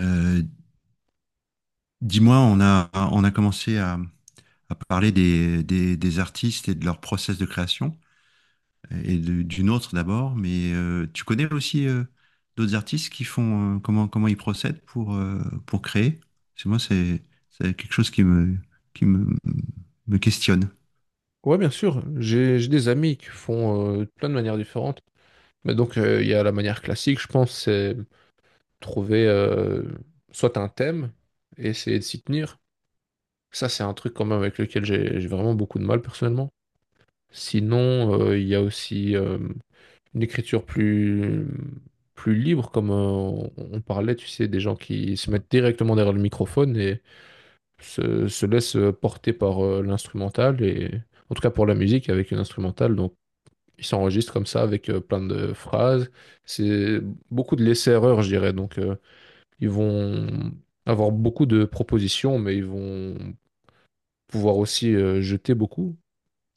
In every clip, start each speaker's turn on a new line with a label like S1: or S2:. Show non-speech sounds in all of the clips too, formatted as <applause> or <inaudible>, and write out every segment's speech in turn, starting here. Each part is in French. S1: Euh, dis-moi, on a commencé à parler des artistes et de leur process de création, et du nôtre d'abord, mais tu connais aussi d'autres artistes qui font, comment ils procèdent pour créer? C'est moi, c'est, c'est quelque chose qui me questionne.
S2: Ouais, bien sûr. J'ai des amis qui font plein de manières différentes. Mais donc, il y a la manière classique, je pense, c'est trouver soit un thème et essayer de s'y tenir. Ça, c'est un truc quand même avec lequel j'ai vraiment beaucoup de mal personnellement. Sinon, il y a aussi une écriture plus, plus libre, comme on parlait, tu sais, des gens qui se mettent directement derrière le microphone et se laissent porter par l'instrumental et en tout cas pour la musique avec une instrumentale. Donc, ils s'enregistrent comme ça avec plein de phrases. C'est beaucoup de laisser-erreur, je dirais. Donc, ils vont avoir beaucoup de propositions, mais ils vont pouvoir aussi jeter beaucoup.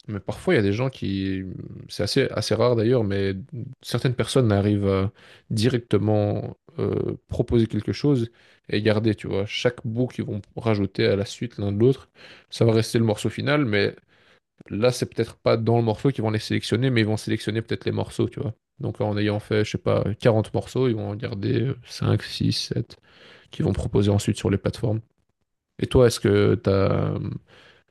S2: Mais parfois, il y a des gens qui, c'est assez, assez rare d'ailleurs, mais certaines personnes arrivent à directement proposer quelque chose et garder, tu vois, chaque bout qu'ils vont rajouter à la suite l'un de l'autre. Ça va rester le morceau final, mais là, c'est peut-être pas dans le morceau qu'ils vont les sélectionner, mais ils vont sélectionner peut-être les morceaux, tu vois. Donc en ayant fait, je sais pas, 40 morceaux, ils vont en garder 5, 6, 7, qu'ils vont proposer ensuite sur les plateformes. Et toi, est-ce que tu as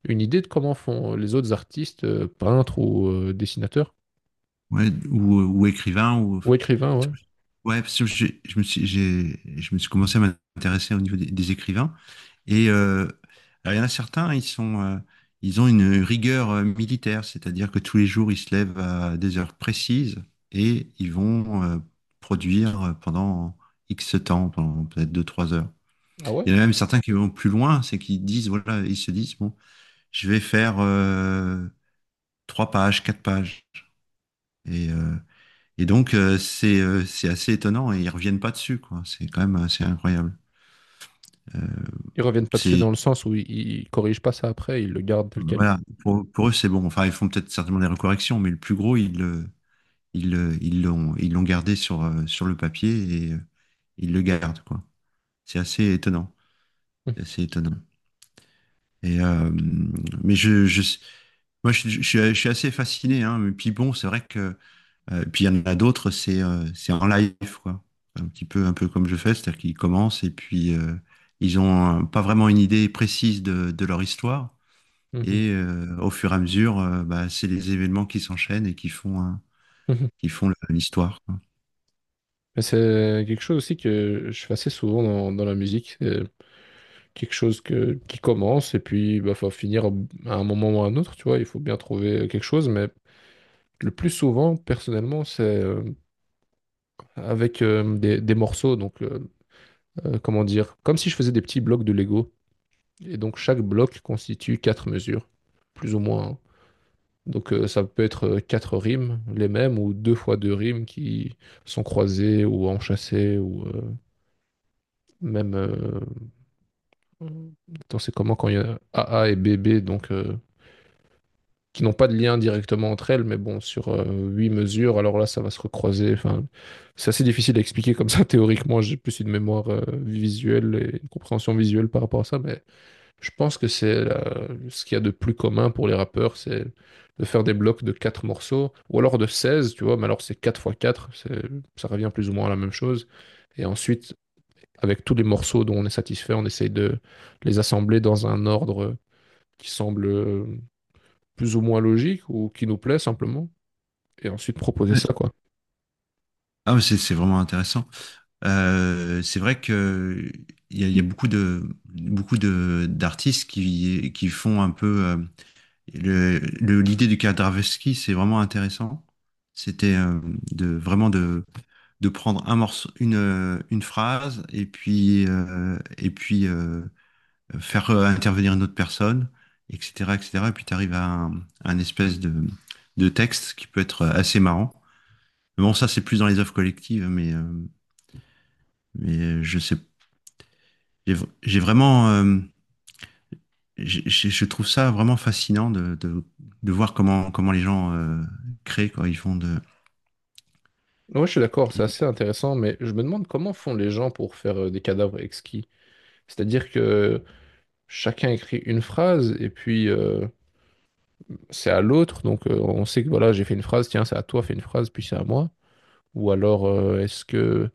S2: une idée de comment font les autres artistes, peintres ou dessinateurs.
S1: Ouais, ou écrivain, ou...
S2: Ou écrivains, ouais.
S1: Ouais, parce que je me suis commencé à m'intéresser au niveau des écrivains. Et alors, il y en a certains, ils ont une rigueur militaire, c'est-à-dire que tous les jours, ils se lèvent à des heures précises et ils vont produire pendant X temps, pendant peut-être deux trois heures.
S2: Ah ouais?
S1: Il y en a même certains qui vont plus loin, c'est qu'ils disent, voilà, ils se disent, bon, je vais faire 3 pages, 4 pages. Et, euh, c'est assez étonnant et ils reviennent pas dessus, quoi. C'est quand même assez incroyable. Euh,
S2: Ils reviennent pas dessus
S1: c'est
S2: dans le sens où ils corrigent pas ça après, ils le gardent tel quel.
S1: voilà, pour eux, c'est bon. Enfin, ils font peut-être certainement des recorrections, mais le plus gros, ils l'ont gardé sur sur le papier et ils le gardent, quoi. C'est assez étonnant.
S2: Mhm,
S1: C'est assez étonnant. Et mais je moi, je suis assez fasciné, hein. Mais puis bon, c'est vrai que et puis il y en a d'autres, c'est en live, quoi. Un petit peu, un peu comme je fais, c'est-à-dire qu'ils commencent et puis ils ont pas vraiment une idée précise de leur histoire.
S2: mhm,
S1: Et au fur et à mesure, bah, c'est les événements qui s'enchaînent et qui font,
S2: mhm.
S1: qui font l'histoire, quoi.
S2: Mais c'est quelque chose aussi que je fais assez souvent dans, dans la musique. Quelque chose que, qui commence et puis il faut finir à un moment ou à un autre, tu vois, il faut bien trouver quelque chose, mais le plus souvent, personnellement, c'est avec des morceaux, donc comment dire, comme si je faisais des petits blocs de Lego, et donc chaque bloc constitue quatre mesures, plus ou moins, hein. Donc ça peut être quatre rimes, les mêmes, ou deux fois deux rimes qui sont croisées ou enchâssées, ou même... attends, c'est comment quand il y a a a et b b donc... qui n'ont pas de lien directement entre elles, mais bon, sur huit mesures, alors là, ça va se recroiser. Enfin, c'est assez difficile à expliquer comme ça <laughs> théoriquement. J'ai plus une mémoire visuelle et une compréhension visuelle par rapport à ça, mais je pense que ce qu'il y a de plus commun pour les rappeurs, c'est de faire des blocs de quatre morceaux, ou alors de 16, tu vois, mais alors c'est 4 fois 4, ça revient plus ou moins à la même chose. Et ensuite, avec tous les morceaux dont on est satisfait, on essaye de les assembler dans un ordre qui semble plus ou moins logique ou qui nous plaît simplement, et ensuite proposer ça, quoi.
S1: Ah, mais c'est vraiment intéressant. C'est vrai que il y a beaucoup de d'artistes qui font un peu l'idée du Kandarovski, c'est vraiment intéressant. C'était de vraiment de prendre un morceau, une phrase et puis faire intervenir une autre personne, etc., etc. Et cetera. Et puis tu arrives un espèce de texte qui peut être assez marrant. Mais bon, ça c'est plus dans les œuvres collectives, mais je sais, j'ai vraiment, je trouve ça vraiment fascinant de voir comment les gens créent quoi ils font de
S2: Ouais, je suis d'accord, c'est
S1: Et
S2: assez intéressant, mais je me demande comment font les gens pour faire des cadavres exquis. C'est-à-dire que chacun écrit une phrase et puis c'est à l'autre, donc on sait que voilà, j'ai fait une phrase, tiens, c'est à toi, fais une phrase, puis c'est à moi. Ou alors est-ce que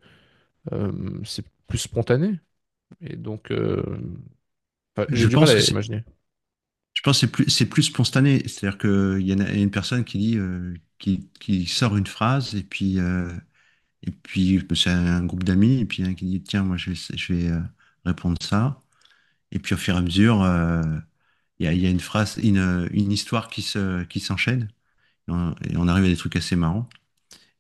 S2: c'est plus spontané? Et donc, enfin, j'ai
S1: Je
S2: du mal
S1: pense
S2: à
S1: que
S2: imaginer.
S1: c'est c'est plus spontané. C'est-à-dire qu'il y en il y a une personne qui dit, qui sort une phrase et puis, c'est un groupe d'amis et puis un qui dit, tiens, moi je vais répondre ça. Et puis au fur et à mesure, il y a une phrase, une histoire qui s'enchaîne. Et on arrive à des trucs assez marrants.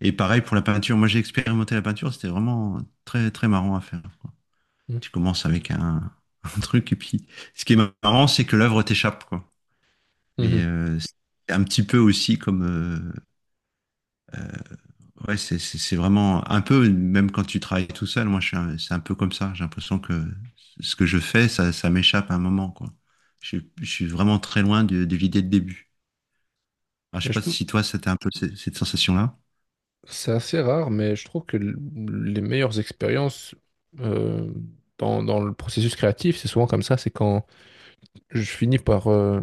S1: Et pareil pour la peinture. Moi j'ai expérimenté la peinture, c'était vraiment très, très marrant à faire.
S2: Mhm.
S1: Tu commences avec <laughs> un truc et puis, ce qui est marrant, c'est que l'œuvre t'échappe, quoi. Mais
S2: Mhm.
S1: c'est un petit peu aussi comme... euh, euh, ouais, c'est vraiment un peu, même quand tu travailles tout seul, moi, c'est un peu comme ça. J'ai l'impression que ce que je fais, ça m'échappe à un moment, quoi. Je suis vraiment très loin de l'idée de début. Alors, je sais
S2: Mais je,
S1: pas si toi, c'était un peu cette sensation-là.
S2: c'est assez rare, mais je trouve que les meilleures expériences euh, dans, dans le processus créatif, c'est souvent comme ça, c'est quand je finis par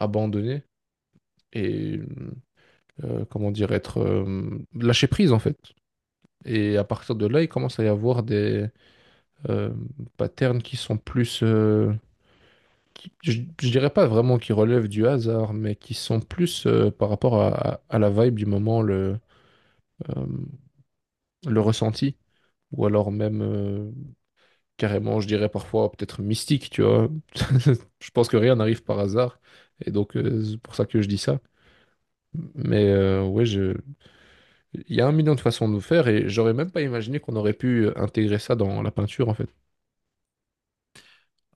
S2: abandonner et, comment dire, être lâcher prise en fait. Et à partir de là, il commence à y avoir des euh, patterns qui sont plus, qui- je, je dirais pas vraiment qui relèvent du hasard, mais qui sont plus par rapport à, à la vibe du moment, euh, le ressenti, ou alors même. Carrément, je dirais parfois peut-être mystique, tu vois. <laughs> Je pense que rien n'arrive par hasard. Et donc, c'est pour ça que je dis ça. Mais ouais, je... il y a un million de façons de le faire et j'aurais même pas imaginé qu'on aurait pu intégrer ça dans la peinture, en fait.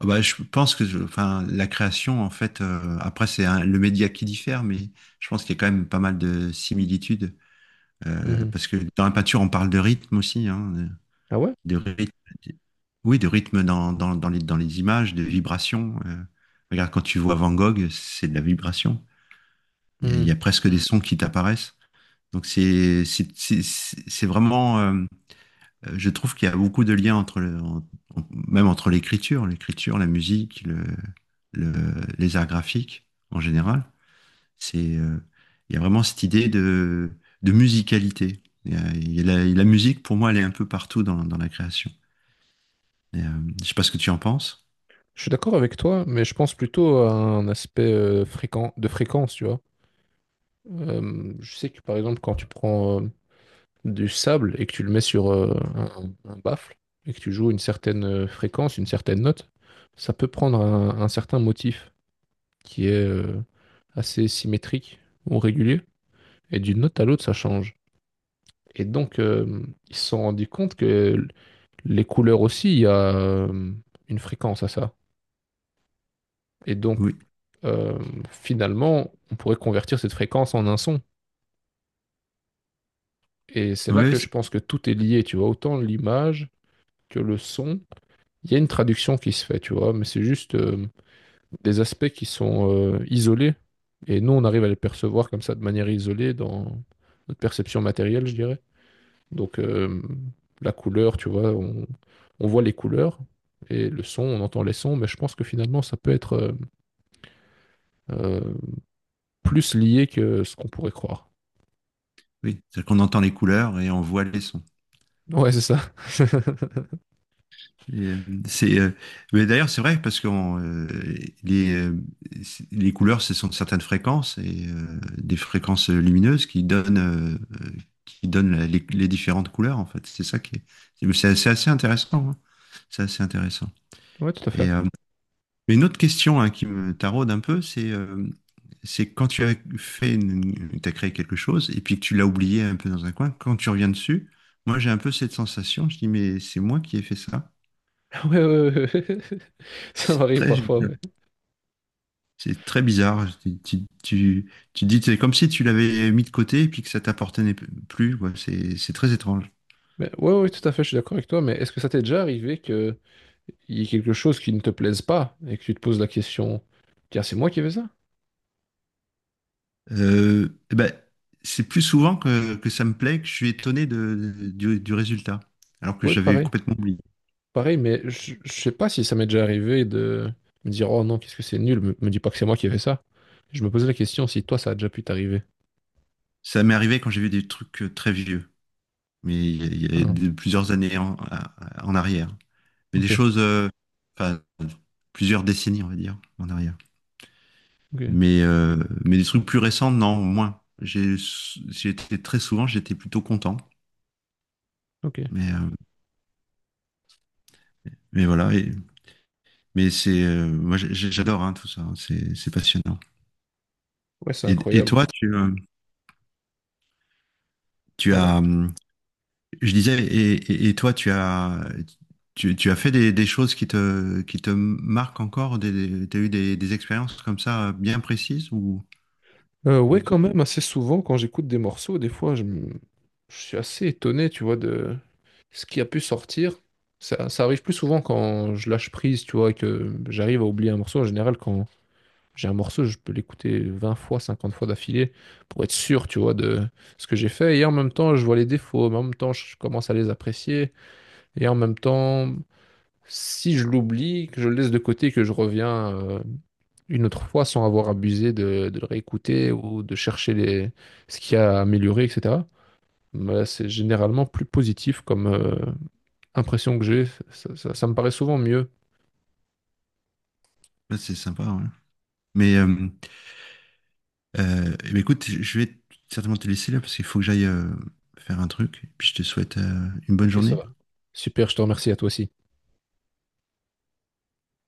S1: Ah bah, je pense que je- enfin, la création, en fait, après, le média qui diffère, mais je pense qu'il y a quand même pas mal de similitudes.
S2: Mhm.
S1: Parce que dans la peinture, on parle de rythme aussi, hein.
S2: Ah ouais?
S1: De rythme, de- oui, de rythme dans les images, de vibrations. Regarde, quand tu vois Van Gogh, c'est de la vibration. Il
S2: Mhm.
S1: y a presque des sons qui t'apparaissent. Donc c'est vraiment, je trouve qu'il y a beaucoup de liens entre le, en- en- même entre l'écriture, la musique, les arts graphiques en général. C'est, euh, il y a vraiment cette idée de musicalité. Il y a la, la musique, pour moi, elle est un peu partout dans la création. Et, je sais pas ce que tu en penses.
S2: Je suis d'accord avec toi, mais je pense plutôt à un aspect fréquent, de fréquence, tu vois. Je sais que par exemple, quand tu prends du sable et que tu le mets sur un baffle et que tu joues une certaine fréquence, une certaine note, ça peut prendre un certain motif qui est assez symétrique ou régulier. Et d'une note à l'autre, ça change. Et donc, ils se sont rendus compte que les couleurs aussi, il y a une fréquence à ça. Et donc,
S1: Oui,
S2: euh, finalement, on pourrait convertir cette fréquence en un son. Et c'est là
S1: oui,
S2: que
S1: c'est-
S2: je pense que tout est lié, tu vois, autant l'image que le son. Il y a une traduction qui se fait, tu vois, mais c'est juste des aspects qui sont isolés. Et nous, on arrive à les percevoir comme ça de manière isolée dans notre perception matérielle, je dirais. Donc, la couleur, tu vois, on voit les couleurs et le son, on entend les sons, mais je pense que finalement, ça peut être euh, plus lié que ce qu'on pourrait croire.
S1: oui, c'est-à-dire qu'on entend les couleurs et on voit les sons.
S2: Ouais, c'est ça. <laughs>
S1: Et, c'est, euh, mais d'ailleurs, c'est vrai parce que les, euh, les couleurs, ce sont certaines fréquences et des fréquences lumineuses euh, qui donnent les différentes couleurs, en fait. C'est ça qui est. C'est assez, assez intéressant, hein. C'est assez intéressant.
S2: Ouais, tout à
S1: Et,
S2: fait.
S1: mais une autre question hein, qui me taraude un peu, c'est quand tu as créé quelque chose et puis que tu l'as oublié un peu dans un coin, quand tu reviens dessus, moi j'ai un peu cette sensation, je dis mais c'est moi qui ai fait ça.
S2: <laughs> Ouais, ouais, ouais, ouais. <laughs> Ça
S1: C'est
S2: m'arrive
S1: très,
S2: parfois, ouais.
S1: c'est très bizarre. Tu dis c'est comme si tu l'avais mis de côté et puis que ça t'appartenait plus, quoi. C'est très étrange.
S2: Mais ouais, ouais, tout à fait, je suis d'accord avec toi, mais est-ce que ça t'est déjà arrivé que il y a quelque chose qui ne te plaise pas et que tu te poses la question, tiens, c'est moi qui ai fait ça?
S1: Eh ben, c'est plus souvent que ça me plaît que je suis étonné du résultat, alors que
S2: Oui,
S1: j'avais
S2: pareil,
S1: complètement oublié.
S2: pareil, mais je sais pas si ça m'est déjà arrivé de me dire, oh non, qu'est-ce que c'est nul, me dis pas que c'est moi qui ai fait ça. Je me posais la question si toi, ça a déjà pu t'arriver.
S1: Ça m'est arrivé quand j'ai vu des trucs très vieux, il y a
S2: Ah,
S1: plusieurs années en arrière. Mais des
S2: ok,
S1: choses, enfin, plusieurs décennies, on va dire, en arrière.
S2: ok,
S1: Mais, mais des trucs plus récents, non, moins. J'ai été très souvent, j'étais plutôt content.
S2: ok.
S1: Mais, mais voilà, mais c'est, moi j'adore hein, tout ça, hein, c'est passionnant.
S2: Ouais, c'est
S1: Et
S2: incroyable.
S1: toi, tu, tu
S2: Pardon?
S1: as, je disais, et toi, tu as fait des choses qui te marquent encore, des, tu as eu des expériences comme ça bien précises ou
S2: Ouais, quand
S1: oui.
S2: même, assez souvent, quand j'écoute des morceaux, des fois, je suis assez étonné, tu vois, de ce qui a pu sortir. Ça arrive plus souvent quand je lâche prise, tu vois, et que j'arrive à oublier un morceau. En général, quand j'ai un morceau, je peux l'écouter 20 fois, 50 fois d'affilée pour être sûr, tu vois, de ce que j'ai fait. Et en même temps, je vois les défauts, mais en même temps, je commence à les apprécier. Et en même temps, si je l'oublie, que je le laisse de côté, que je reviens une autre fois sans avoir abusé de le réécouter ou de chercher les, ce qu'il y a à améliorer, etc. Bah, c'est généralement plus positif comme impression que j'ai. Ça, ça me paraît souvent mieux.
S1: Ouais, c'est sympa, ouais. Mais eh bien, écoute, je vais certainement te laisser là parce qu'il faut que j'aille faire un truc. Et puis je te souhaite une bonne
S2: Ok, ça va.
S1: journée.
S2: Super, je te remercie à toi aussi.